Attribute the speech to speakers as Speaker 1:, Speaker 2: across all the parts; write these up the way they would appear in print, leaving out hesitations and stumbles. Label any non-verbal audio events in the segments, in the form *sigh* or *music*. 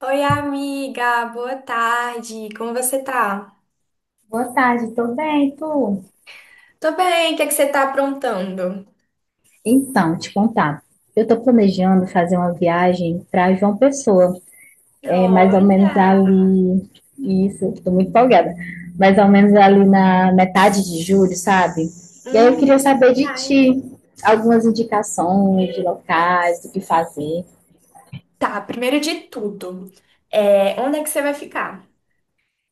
Speaker 1: Oi, amiga, boa tarde. Como você tá?
Speaker 2: Boa tarde, tô bem, e tu?
Speaker 1: Tô bem, o que é que você tá aprontando?
Speaker 2: Então, te contar. Eu estou planejando fazer uma viagem para João Pessoa, é mais ou menos
Speaker 1: Olha,
Speaker 2: ali. Isso, estou muito empolgada. Mais ou menos ali na metade de julho, sabe? E aí eu queria
Speaker 1: que
Speaker 2: saber de
Speaker 1: demais.
Speaker 2: ti algumas indicações de locais, do que fazer.
Speaker 1: Tá, primeiro de tudo, onde é que você vai ficar?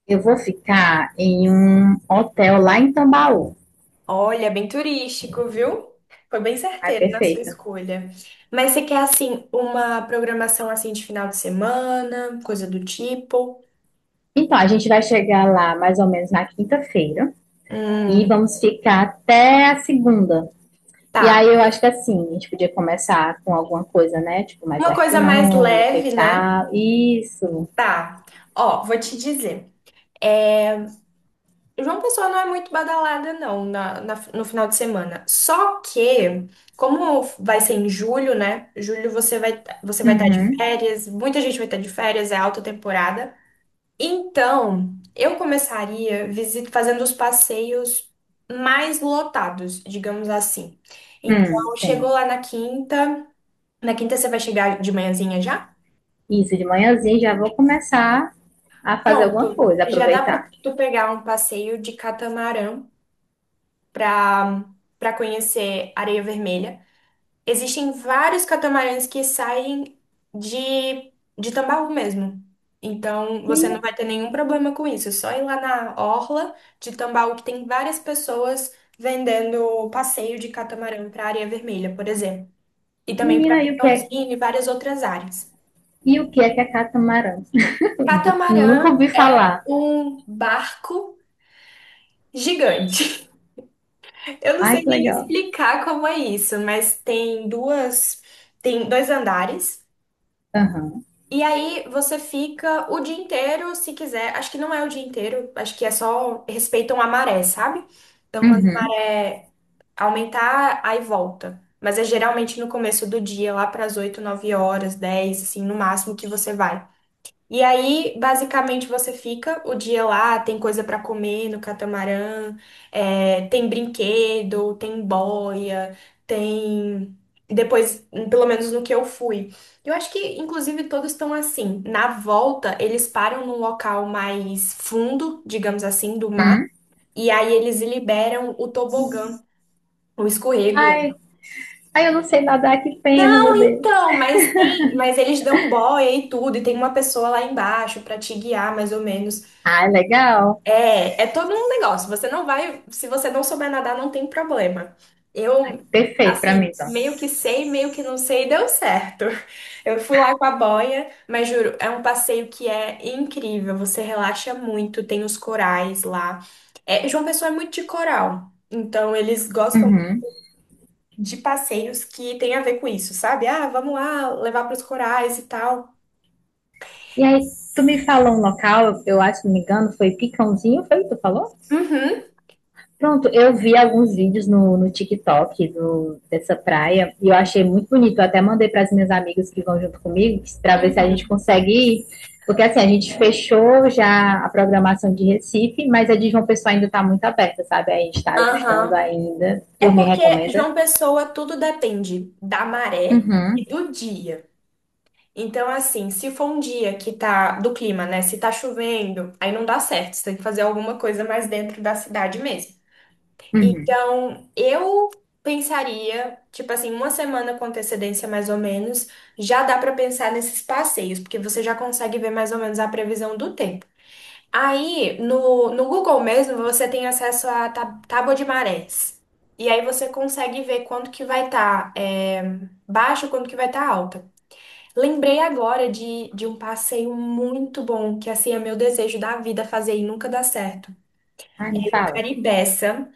Speaker 2: Eu vou ficar em um hotel lá em Tambaú.
Speaker 1: Olha, bem turístico, viu? Foi bem
Speaker 2: Ah,
Speaker 1: certeiro na sua
Speaker 2: perfeita.
Speaker 1: escolha. Mas você quer, assim, uma programação, assim, de final de semana, coisa do tipo?
Speaker 2: Então, a gente vai chegar lá mais ou menos na quinta-feira e
Speaker 1: Hum,
Speaker 2: vamos ficar até a segunda. E
Speaker 1: tá.
Speaker 2: aí eu acho que assim, a gente podia começar com alguma coisa, né? Tipo, mais
Speaker 1: Uma coisa mais
Speaker 2: gastronômica e
Speaker 1: leve, né?
Speaker 2: tal. Isso.
Speaker 1: Tá. Ó, vou te dizer. é, João Pessoa não é muito badalada, não, no final de semana. Só que, como vai ser em julho, né? Julho você vai estar de
Speaker 2: Uhum.
Speaker 1: férias, muita gente vai estar de férias, é alta temporada. Então, eu começaria fazendo os passeios mais lotados, digamos assim. Então, chegou
Speaker 2: Tem.
Speaker 1: lá na quinta. Na quinta você vai chegar de manhãzinha já?
Speaker 2: Isso, de manhãzinha já vou começar a fazer alguma
Speaker 1: Pronto.
Speaker 2: coisa,
Speaker 1: Já dá
Speaker 2: aproveitar.
Speaker 1: para tu pegar um passeio de catamarã para para conhecer Areia Vermelha. Existem vários catamarãs que saem de, de Tambaú mesmo. Então, você não
Speaker 2: Meni-
Speaker 1: vai ter nenhum problema com isso. É só ir lá na orla de Tambaú, que tem várias pessoas vendendo passeio de catamarã para Areia Vermelha, por exemplo. E também para
Speaker 2: Menina,
Speaker 1: Pintãozinho e várias outras áreas.
Speaker 2: e o que é catamarã? *laughs* Nunca
Speaker 1: Catamarã
Speaker 2: ouvi
Speaker 1: é
Speaker 2: falar.
Speaker 1: um barco gigante. Eu não
Speaker 2: Ai,
Speaker 1: sei
Speaker 2: que
Speaker 1: nem
Speaker 2: legal.
Speaker 1: explicar como é isso, mas tem dois andares.
Speaker 2: Aham.
Speaker 1: E aí você fica o dia inteiro, se quiser. Acho que não é o dia inteiro, acho que é só respeitam a maré, sabe? Então quando a
Speaker 2: Uhum.
Speaker 1: maré aumentar, aí volta. Mas é geralmente no começo do dia, lá para as 8, 9 horas, 10, assim, no máximo que você vai. E aí, basicamente, você fica o dia lá, tem coisa pra comer no catamarã, tem brinquedo, tem boia, tem. Depois, pelo menos no que eu fui. Eu acho que, inclusive, todos estão assim. Na volta, eles param num local mais fundo, digamos assim, do mar,
Speaker 2: Hum.
Speaker 1: e aí eles liberam o tobogã, o escorrego
Speaker 2: Ai,
Speaker 1: lá.
Speaker 2: ai, eu não sei nadar, que pena,
Speaker 1: Não,
Speaker 2: meu Deus.
Speaker 1: então, mas tem, mas eles dão boia e tudo, e tem uma pessoa lá embaixo pra te guiar, mais ou menos.
Speaker 2: Ai, legal.
Speaker 1: É, é todo um negócio. Você não vai, se você não souber nadar, não tem problema. Eu,
Speaker 2: Perfeito pra mim,
Speaker 1: assim,
Speaker 2: então.
Speaker 1: meio que sei, meio que não sei, deu certo. *laughs* Eu fui lá com a boia, mas juro, é um passeio que é incrível. Você relaxa muito, tem os corais lá. É, João Pessoa é muito de coral, então eles gostam
Speaker 2: Uhum.
Speaker 1: de passeios que tem a ver com isso, sabe? Ah, vamos lá levar para os corais e tal.
Speaker 2: E aí, tu me falou um local, eu acho, se não me engano, foi Picãozinho, foi? O que tu falou?
Speaker 1: Uhum.
Speaker 2: Pronto, eu vi alguns vídeos no TikTok dessa praia e eu achei muito bonito. Eu até mandei para as minhas amigas que vão junto comigo para ver se a gente
Speaker 1: Uhum.
Speaker 2: consegue ir. Porque assim, a gente fechou já a programação de Recife, mas a de João Pessoa ainda está muito aberta, sabe? A gente está ajustando
Speaker 1: Aham.
Speaker 2: ainda.
Speaker 1: É
Speaker 2: Tu me
Speaker 1: porque
Speaker 2: recomenda?
Speaker 1: João Pessoa tudo depende da maré
Speaker 2: Uhum.
Speaker 1: e do dia. Então, assim, se for um dia que tá do clima, né? Se tá chovendo, aí não dá certo. Você tem que fazer alguma coisa mais dentro da cidade mesmo. Então, eu pensaria, tipo assim, uma semana com antecedência mais ou menos, já dá pra pensar nesses passeios, porque você já consegue ver mais ou menos a previsão do tempo. Aí, no Google mesmo, você tem acesso à tábua de marés. E aí você consegue ver quanto que vai estar baixo, quanto que vai estar alta. Lembrei agora de um passeio muito bom, que assim é meu desejo da vida fazer e nunca dá certo.
Speaker 2: Ai, me
Speaker 1: É no
Speaker 2: fala.
Speaker 1: Caribeça.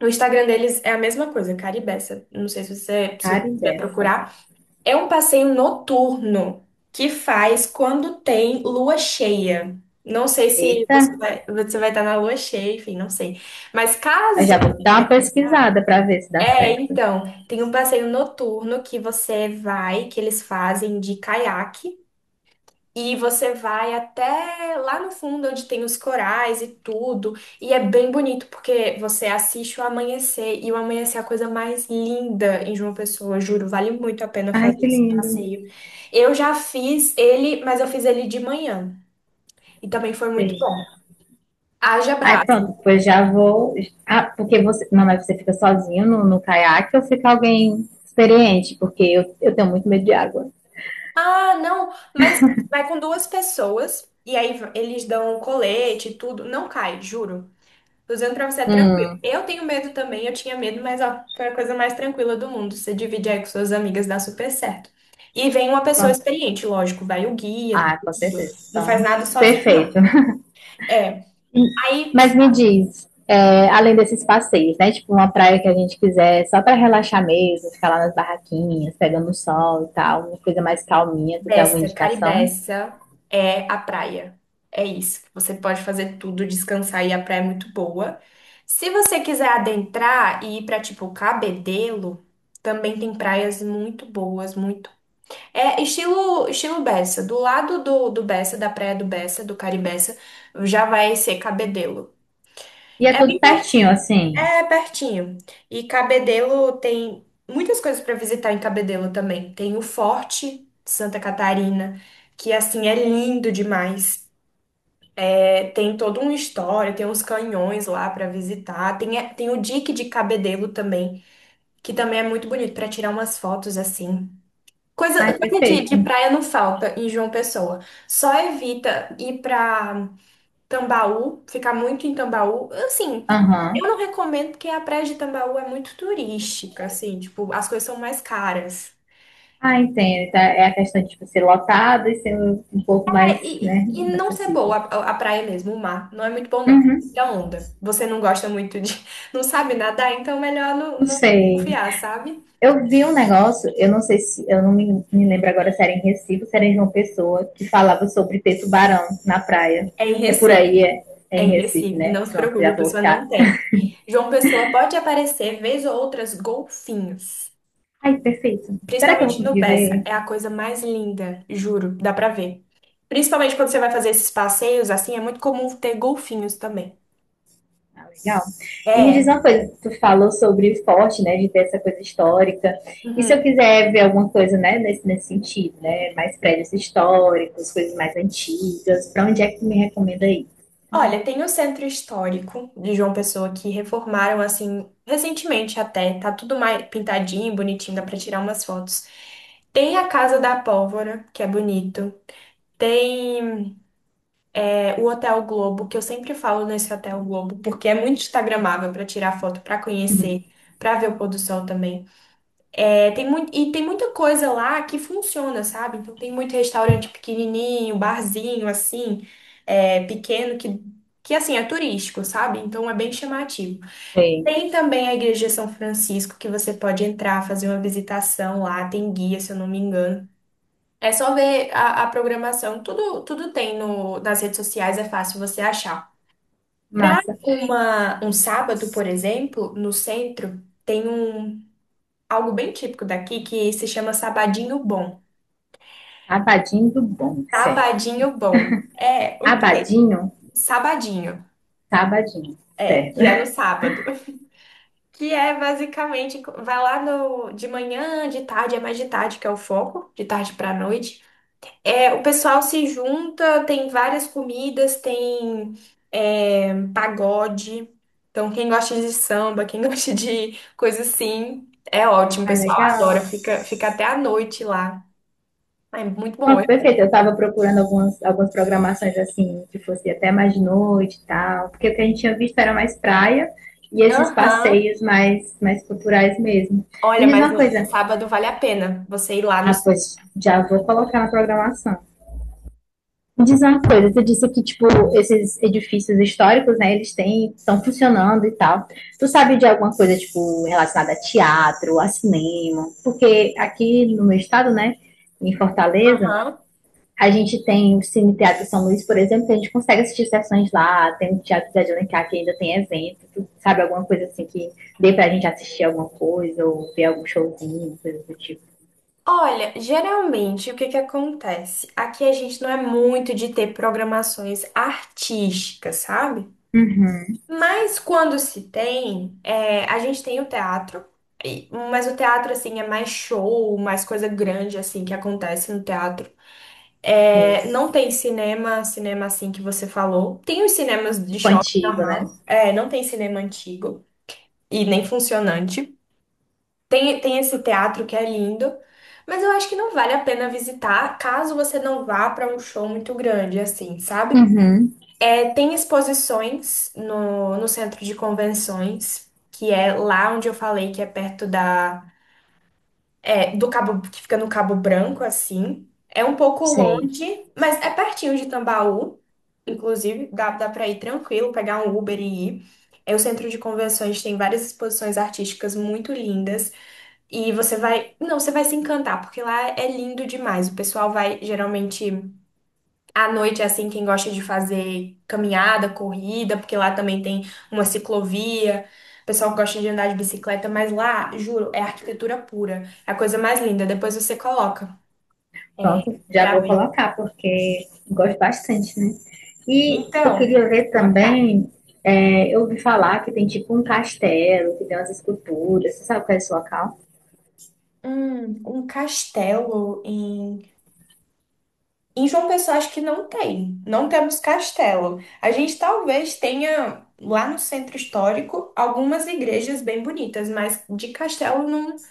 Speaker 1: No Instagram deles é a mesma coisa, Caribeça. Não sei se você se você
Speaker 2: Cara
Speaker 1: quiser
Speaker 2: dessa.
Speaker 1: procurar. É um passeio noturno que faz quando tem lua cheia. Não sei se
Speaker 2: Eita,
Speaker 1: você vai, você vai estar na lua cheia, enfim, não sei. Mas
Speaker 2: eu
Speaker 1: caso.
Speaker 2: já vou dar uma pesquisada para ver se dá
Speaker 1: É,
Speaker 2: certo.
Speaker 1: então, tem um passeio noturno que você vai, que eles fazem de caiaque. E você vai até lá no fundo, onde tem os corais e tudo. E é bem bonito, porque você assiste o amanhecer. E o amanhecer é a coisa mais linda em João Pessoa, juro. Vale muito a pena
Speaker 2: Ai,
Speaker 1: fazer
Speaker 2: que
Speaker 1: esse
Speaker 2: lindo.
Speaker 1: passeio. Eu já fiz ele, mas eu fiz ele de manhã. E também foi muito
Speaker 2: Sim.
Speaker 1: bom. Haja
Speaker 2: Aí
Speaker 1: braço.
Speaker 2: pronto, depois já vou. Ah, porque você. Não, mas você fica sozinho no caiaque ou fica alguém experiente? Porque eu tenho muito medo de água.
Speaker 1: Ah, não, mas vai com duas pessoas. E aí eles dão colete e tudo. Não cai, juro. Tô usando pra você é tranquilo. Eu tenho medo também, eu tinha medo, mas ó, foi a coisa mais tranquila do mundo. Você divide aí com suas amigas, dá super certo. E vem uma pessoa
Speaker 2: Pronto.
Speaker 1: experiente, lógico, vai o guia,
Speaker 2: Ah, com
Speaker 1: tudo.
Speaker 2: certeza.
Speaker 1: Não faz
Speaker 2: Então,
Speaker 1: nada sozinho, não.
Speaker 2: perfeito. *laughs*
Speaker 1: É, aí
Speaker 2: Mas me diz, é, além desses passeios, né? Tipo, uma praia que a gente quiser só pra relaxar mesmo, ficar lá nas barraquinhas, pegando sol e tal, uma coisa mais calminha, tu tem alguma
Speaker 1: Bessa,
Speaker 2: indicação?
Speaker 1: Caribeça é a praia. É isso. Você pode fazer tudo, descansar e a praia é muito boa. Se você quiser adentrar e ir pra tipo Cabedelo, também tem praias muito boas, muito. Estilo Bessa. Do lado do Bessa, da praia do Bessa, do Caribeça, já vai ser Cabedelo.
Speaker 2: E é
Speaker 1: É bem
Speaker 2: tudo pertinho,
Speaker 1: pertinho.
Speaker 2: assim.
Speaker 1: É pertinho. E Cabedelo tem muitas coisas para visitar em Cabedelo também. Tem o Forte de Santa Catarina, que assim é lindo demais. É, tem toda uma história, tem uns canhões lá para visitar. Tem o dique de Cabedelo também, que também é muito bonito para tirar umas fotos assim.
Speaker 2: Ai,
Speaker 1: Coisa de
Speaker 2: perfeito.
Speaker 1: praia não falta em João Pessoa. Só evita ir pra Tambaú, ficar muito em Tambaú. Assim, eu
Speaker 2: Aham.
Speaker 1: não recomendo porque a praia de Tambaú é muito turística, assim, tipo, as coisas são mais caras.
Speaker 2: Ah, entendo. Então, é a questão de tipo, ser lotado e ser um pouco mais, né,
Speaker 1: E não ser boa
Speaker 2: acessível.
Speaker 1: a praia mesmo, o mar, não é muito bom, não.
Speaker 2: Hum,
Speaker 1: Da onda. Você não gosta muito de. *laughs* Não sabe nadar, então é melhor
Speaker 2: não
Speaker 1: não
Speaker 2: sei.
Speaker 1: confiar, sabe?
Speaker 2: Eu vi um negócio, eu não sei se, eu não me lembro agora se era em Recife ou se era em João Pessoa, que falava sobre ter tubarão na praia.
Speaker 1: É em
Speaker 2: É por
Speaker 1: Recife.
Speaker 2: aí, é, é
Speaker 1: É
Speaker 2: em
Speaker 1: em
Speaker 2: Recife,
Speaker 1: Recife,
Speaker 2: né?
Speaker 1: não se
Speaker 2: Pronto,
Speaker 1: preocupe,
Speaker 2: já
Speaker 1: a
Speaker 2: vou
Speaker 1: pessoa
Speaker 2: buscar.
Speaker 1: não tem. João Pessoa pode aparecer, vez ou outras, golfinhos.
Speaker 2: Ai, perfeito. Será que eu vou
Speaker 1: Principalmente no
Speaker 2: conseguir
Speaker 1: Bessa.
Speaker 2: ver?
Speaker 1: É a coisa mais linda, juro, dá pra ver. Principalmente quando você vai fazer esses passeios, assim, é muito comum ter golfinhos também.
Speaker 2: Ah, legal. E me diz
Speaker 1: É.
Speaker 2: uma coisa, tu falou sobre o forte, né, de ter essa coisa histórica. E se eu
Speaker 1: Uhum.
Speaker 2: quiser ver alguma coisa, né, nesse, nesse sentido, né, mais prédios históricos, coisas mais antigas, para onde é que tu me recomenda aí?
Speaker 1: Olha, tem o centro histórico de João Pessoa que reformaram, assim, recentemente até. Tá tudo mais pintadinho, bonitinho, dá pra tirar umas fotos. Tem a Casa da Pólvora, que é bonito. Tem o Hotel Globo, que eu sempre falo nesse Hotel Globo, porque é muito instagramável para tirar foto, para conhecer, para ver o pôr do sol também. É, tem muito, e tem muita coisa lá que funciona, sabe? Então tem muito restaurante pequenininho, barzinho assim, pequeno que assim é turístico, sabe? Então é bem chamativo.
Speaker 2: Sei.
Speaker 1: Tem também a Igreja de São Francisco que você pode entrar, fazer uma visitação lá, tem guia, se eu não me engano. É só ver a programação, tudo tem no, nas redes sociais, é fácil você achar. Para
Speaker 2: Massa.
Speaker 1: uma um sábado, por exemplo, no centro, tem um algo bem típico daqui que se chama Sabadinho Bom.
Speaker 2: Abadinho do bom, certo.
Speaker 1: Sabadinho Bom é o quê?
Speaker 2: Abadinho,
Speaker 1: Sabadinho,
Speaker 2: tá abadinho, certo.
Speaker 1: que é no
Speaker 2: *laughs*
Speaker 1: sábado. Que é basicamente, vai lá no, de manhã, de tarde, é mais de tarde que é o foco, de tarde para noite. É, o pessoal se junta, tem várias comidas, tem pagode. Então, quem gosta de samba, quem *laughs* gosta de coisa assim, é ótimo. O
Speaker 2: Ah,
Speaker 1: pessoal
Speaker 2: legal.
Speaker 1: adora, fica até a noite lá. É muito bom.
Speaker 2: Pronto, perfeito. Eu estava procurando algumas, algumas programações assim, que fosse até mais de noite e tal, porque o que a gente tinha visto era mais praia e esses
Speaker 1: Aham.
Speaker 2: passeios mais, mais culturais mesmo. Me
Speaker 1: Olha,
Speaker 2: diz
Speaker 1: mas
Speaker 2: uma
Speaker 1: no
Speaker 2: coisa.
Speaker 1: sábado vale a pena você ir lá no.
Speaker 2: Ah, pois já vou colocar na programação. Me diz uma coisa, tu disse que, tipo, esses edifícios históricos, né, eles têm, estão funcionando e tal. Tu sabe de alguma coisa, tipo, relacionada a teatro, a cinema? Porque aqui no meu estado, né, em Fortaleza,
Speaker 1: Aham.
Speaker 2: a gente tem o Cine Teatro São Luís, por exemplo, que a gente consegue assistir sessões lá, tem o Teatro Zé de Alencar que ainda tem evento, tu sabe, alguma coisa assim que dê pra gente assistir alguma coisa, ou ver algum showzinho, coisa do tipo.
Speaker 1: Olha, geralmente o que que acontece? Aqui a gente não é muito de ter programações artísticas, sabe? Mas quando se tem, é, a gente tem o teatro, mas o teatro, assim, é mais show, mais coisa grande, assim, que acontece no teatro.
Speaker 2: Sei.
Speaker 1: É, não tem cinema assim que você falou. Tem os cinemas de
Speaker 2: Tipo
Speaker 1: shopping
Speaker 2: antigo, né?
Speaker 1: normal, é, não tem cinema antigo e nem funcionante. Tem esse teatro que é lindo, mas eu acho que não vale a pena visitar caso você não vá para um show muito grande, assim, sabe?
Speaker 2: Uhum.
Speaker 1: É, tem exposições no centro de convenções, que é lá onde eu falei que é perto do Cabo, que fica no Cabo Branco, assim. É um pouco
Speaker 2: Sei.
Speaker 1: longe, mas é pertinho de Tambaú, inclusive, dá para ir tranquilo, pegar um Uber e ir. É, o centro de convenções tem várias exposições artísticas muito lindas, e você vai se encantar, porque lá é lindo demais. O pessoal vai geralmente. À noite, é assim, quem gosta de fazer caminhada, corrida, porque lá também tem uma ciclovia. O pessoal gosta de andar de bicicleta, mas lá, juro, é arquitetura pura. É a coisa mais linda. Depois você coloca, é,
Speaker 2: Pronto, já
Speaker 1: pra
Speaker 2: vou
Speaker 1: ver.
Speaker 2: colocar, porque gosto bastante, né? E eu
Speaker 1: Então,
Speaker 2: queria ver
Speaker 1: sua cara.
Speaker 2: também, é, eu ouvi falar que tem tipo um castelo, que tem umas esculturas, você sabe qual é esse local?
Speaker 1: Um castelo em... Em João Pessoa, acho que não tem. Não temos castelo. A gente talvez tenha, lá no centro histórico, algumas igrejas bem bonitas, mas de castelo não,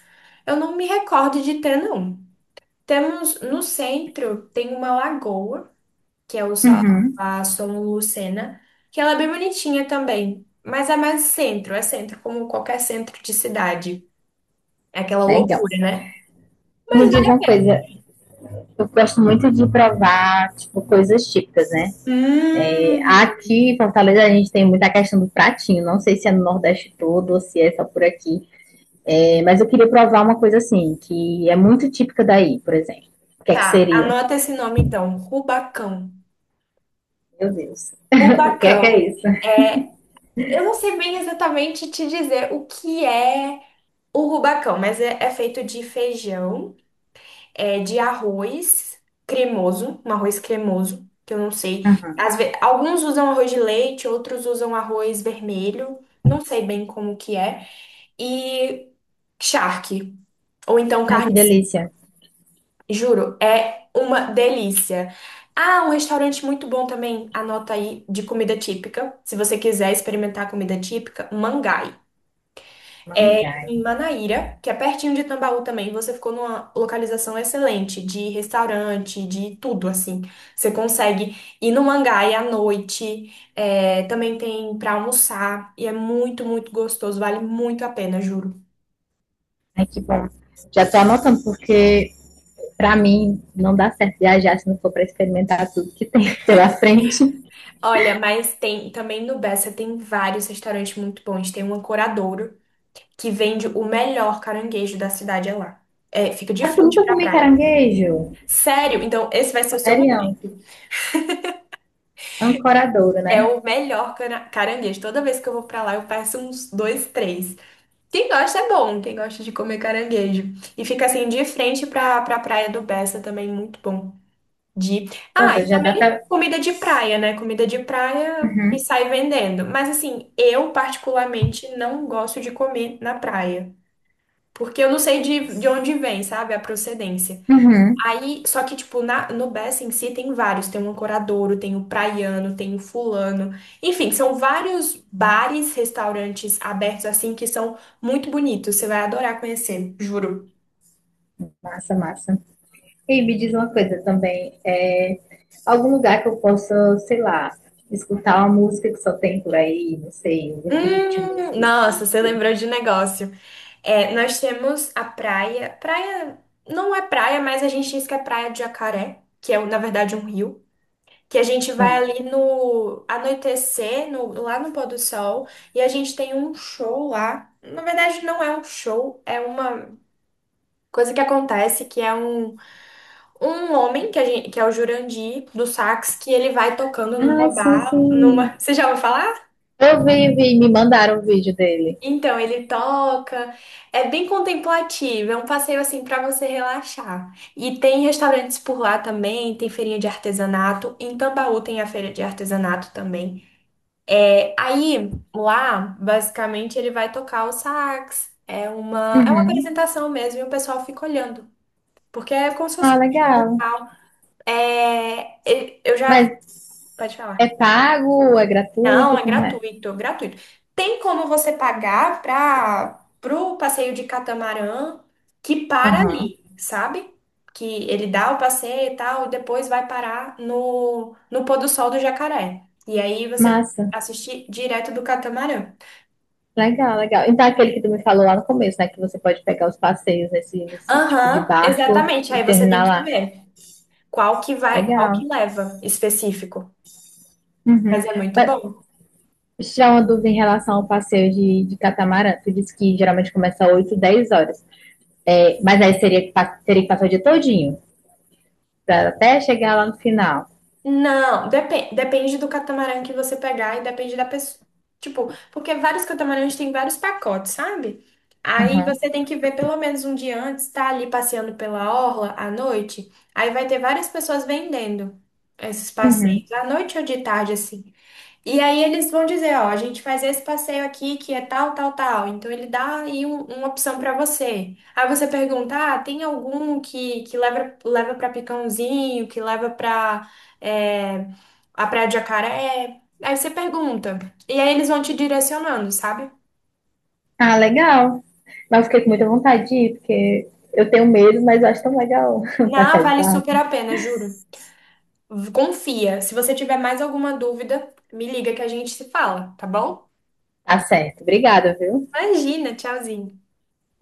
Speaker 1: eu não me recordo de ter, não. Temos no centro tem uma lagoa, que é o
Speaker 2: Uhum.
Speaker 1: a São Lucena, que ela é bem bonitinha também, mas é mais centro, é centro como qualquer centro de cidade. É aquela
Speaker 2: Legal.
Speaker 1: loucura, né?
Speaker 2: Me
Speaker 1: Mas vale
Speaker 2: diz
Speaker 1: a
Speaker 2: uma
Speaker 1: pena.
Speaker 2: coisa, eu gosto muito de provar, tipo, coisas típicas, né?
Speaker 1: Hum,
Speaker 2: Aqui em Fortaleza a gente tem muita questão do pratinho. Não sei se é no Nordeste todo ou se é só por aqui. É, mas eu queria provar uma coisa assim, que é muito típica daí, por exemplo. O que é que
Speaker 1: tá,
Speaker 2: seria?
Speaker 1: anota esse nome então, Rubacão.
Speaker 2: Meu Deus. *laughs* O que é
Speaker 1: Rubacão.
Speaker 2: isso?
Speaker 1: é, Eu não sei bem exatamente te dizer o que é o rubacão, mas é feito de feijão. É de arroz cremoso, um arroz cremoso, que eu não sei. Alguns usam arroz de leite, outros usam arroz vermelho, não sei bem como que é. E charque, ou então
Speaker 2: Ai, que
Speaker 1: carne seca.
Speaker 2: delícia.
Speaker 1: Juro, é uma delícia. Ah, um restaurante muito bom também, anota aí, de comida típica. Se você quiser experimentar comida típica, Mangai. É
Speaker 2: Mangás.
Speaker 1: em Manaíra, que é pertinho de Tambaú também. Você ficou numa localização excelente de restaurante, de tudo assim. Você consegue ir no Mangai à noite, é, também tem pra almoçar e é muito, muito gostoso. Vale muito a pena, juro.
Speaker 2: Ai, que bom. Já tô anotando, porque pra mim não dá certo viajar se não for pra experimentar tudo que tem *laughs* pela frente.
Speaker 1: Olha, mas tem também no Bessa, tem vários restaurantes muito bons. Tem um Ancoradouro que vende o melhor caranguejo da cidade, é lá. É, fica de
Speaker 2: Sabe eu
Speaker 1: frente
Speaker 2: nunca
Speaker 1: pra
Speaker 2: comi
Speaker 1: praia.
Speaker 2: caranguejo?
Speaker 1: Sério? Então esse vai ser o seu
Speaker 2: Sério.
Speaker 1: momento.
Speaker 2: Ancoradouro,
Speaker 1: É
Speaker 2: né?
Speaker 1: o melhor caranguejo. Toda vez que eu vou pra lá, eu peço uns dois, três. Quem gosta é bom, quem gosta de comer caranguejo. E fica assim de frente pra, pra Praia do Bessa também, muito bom. De... Ah,
Speaker 2: Pronto,
Speaker 1: e
Speaker 2: já dá
Speaker 1: também
Speaker 2: pra.
Speaker 1: comida de praia, né? Comida de praia e sai vendendo. Mas assim, eu particularmente não gosto de comer na praia. Porque eu não sei de onde vem, sabe? A procedência.
Speaker 2: Uhum.
Speaker 1: Aí, só que, tipo, no Bessa em si tem vários. Tem o Ancoradouro, tem o Praiano, tem o Fulano. Enfim, são vários bares, restaurantes abertos assim, que são muito bonitos. Você vai adorar conhecer, juro.
Speaker 2: Massa, massa. E me diz uma coisa também, é, algum lugar que eu possa, sei lá, escutar uma música que só tem por aí, não sei, um ritmo
Speaker 1: Nossa, você
Speaker 2: específico.
Speaker 1: lembrou de negócio. É, nós temos a praia. Praia não é praia, mas a gente diz que é praia de Jacaré, que é, na verdade, um rio, que a gente vai
Speaker 2: Hum.
Speaker 1: ali no anoitecer, lá no pôr do sol, e a gente tem um show lá. Na verdade, não é um show, é uma coisa que acontece, que é um, um homem, que, a gente, que é o Jurandir, do sax, que ele vai tocando numa
Speaker 2: Ai, sim,
Speaker 1: barra, numa...
Speaker 2: sim.
Speaker 1: *laughs* Você já ouviu falar?
Speaker 2: Eu vi, me mandaram o vídeo dele.
Speaker 1: Então, ele toca, é bem contemplativo, é um passeio assim para você relaxar. E tem restaurantes por lá também, tem feirinha de artesanato, em Tambaú tem a feira de artesanato também. É, aí, lá, basicamente, ele vai tocar o sax. É uma
Speaker 2: Uhum.
Speaker 1: apresentação mesmo, e o pessoal fica olhando. Porque é como se fosse
Speaker 2: Ah,
Speaker 1: um show e
Speaker 2: legal.
Speaker 1: tal. É, eu já.
Speaker 2: Mas
Speaker 1: Pode
Speaker 2: é
Speaker 1: falar.
Speaker 2: pago, é
Speaker 1: Não,
Speaker 2: gratuito,
Speaker 1: é
Speaker 2: como é?
Speaker 1: gratuito, gratuito. Tem como você pagar para pro passeio de catamarã, que para
Speaker 2: Aham.
Speaker 1: ali, sabe? Que ele dá o passeio e tal, e depois vai parar no pôr do sol do Jacaré. E aí você
Speaker 2: Massa.
Speaker 1: assistir direto do catamarã.
Speaker 2: Legal, legal. Então, aquele que tu me falou lá no começo, né? Que você pode pegar os passeios nesse, nesse tipo de
Speaker 1: Aham,
Speaker 2: barco
Speaker 1: exatamente.
Speaker 2: e
Speaker 1: Aí você tem
Speaker 2: terminar
Speaker 1: que
Speaker 2: lá.
Speaker 1: ver qual que vai, qual que
Speaker 2: Legal.
Speaker 1: leva específico.
Speaker 2: Uhum.
Speaker 1: Mas é muito
Speaker 2: Mas
Speaker 1: bom.
Speaker 2: tirar uma dúvida em relação ao passeio de catamarã. Tu disse que geralmente começa 8, 10 horas. É, mas aí seria que teria que passar o dia todinho, pra até chegar lá no final.
Speaker 1: Não, depende do catamarã que você pegar e depende da pessoa. Tipo, porque vários catamarãs têm vários pacotes, sabe? Aí
Speaker 2: Uhum.
Speaker 1: você tem que ver pelo menos um dia antes, tá ali passeando pela orla à noite. Aí vai ter várias pessoas vendendo esses
Speaker 2: Uhum.
Speaker 1: passeios, à noite ou de tarde, assim. E aí eles vão dizer, ó, a gente faz esse passeio aqui que é tal, tal, tal. Então ele dá aí uma opção pra você. Aí você pergunta, ah, tem algum que leva para Picãozinho, que leva pra, é, a Praia de Jacaré? Aí você pergunta. E aí eles vão te direcionando, sabe?
Speaker 2: Ah, legal. Mas eu fiquei com muita vontade de ir, porque eu tenho medo, mas eu acho tão legal *laughs*
Speaker 1: Na,
Speaker 2: passear de
Speaker 1: vale super
Speaker 2: barco.
Speaker 1: a pena, juro. Confia. Se você tiver mais alguma dúvida, me liga que a gente se fala, tá bom?
Speaker 2: Tá certo. Obrigada, viu?
Speaker 1: Imagina, tchauzinho.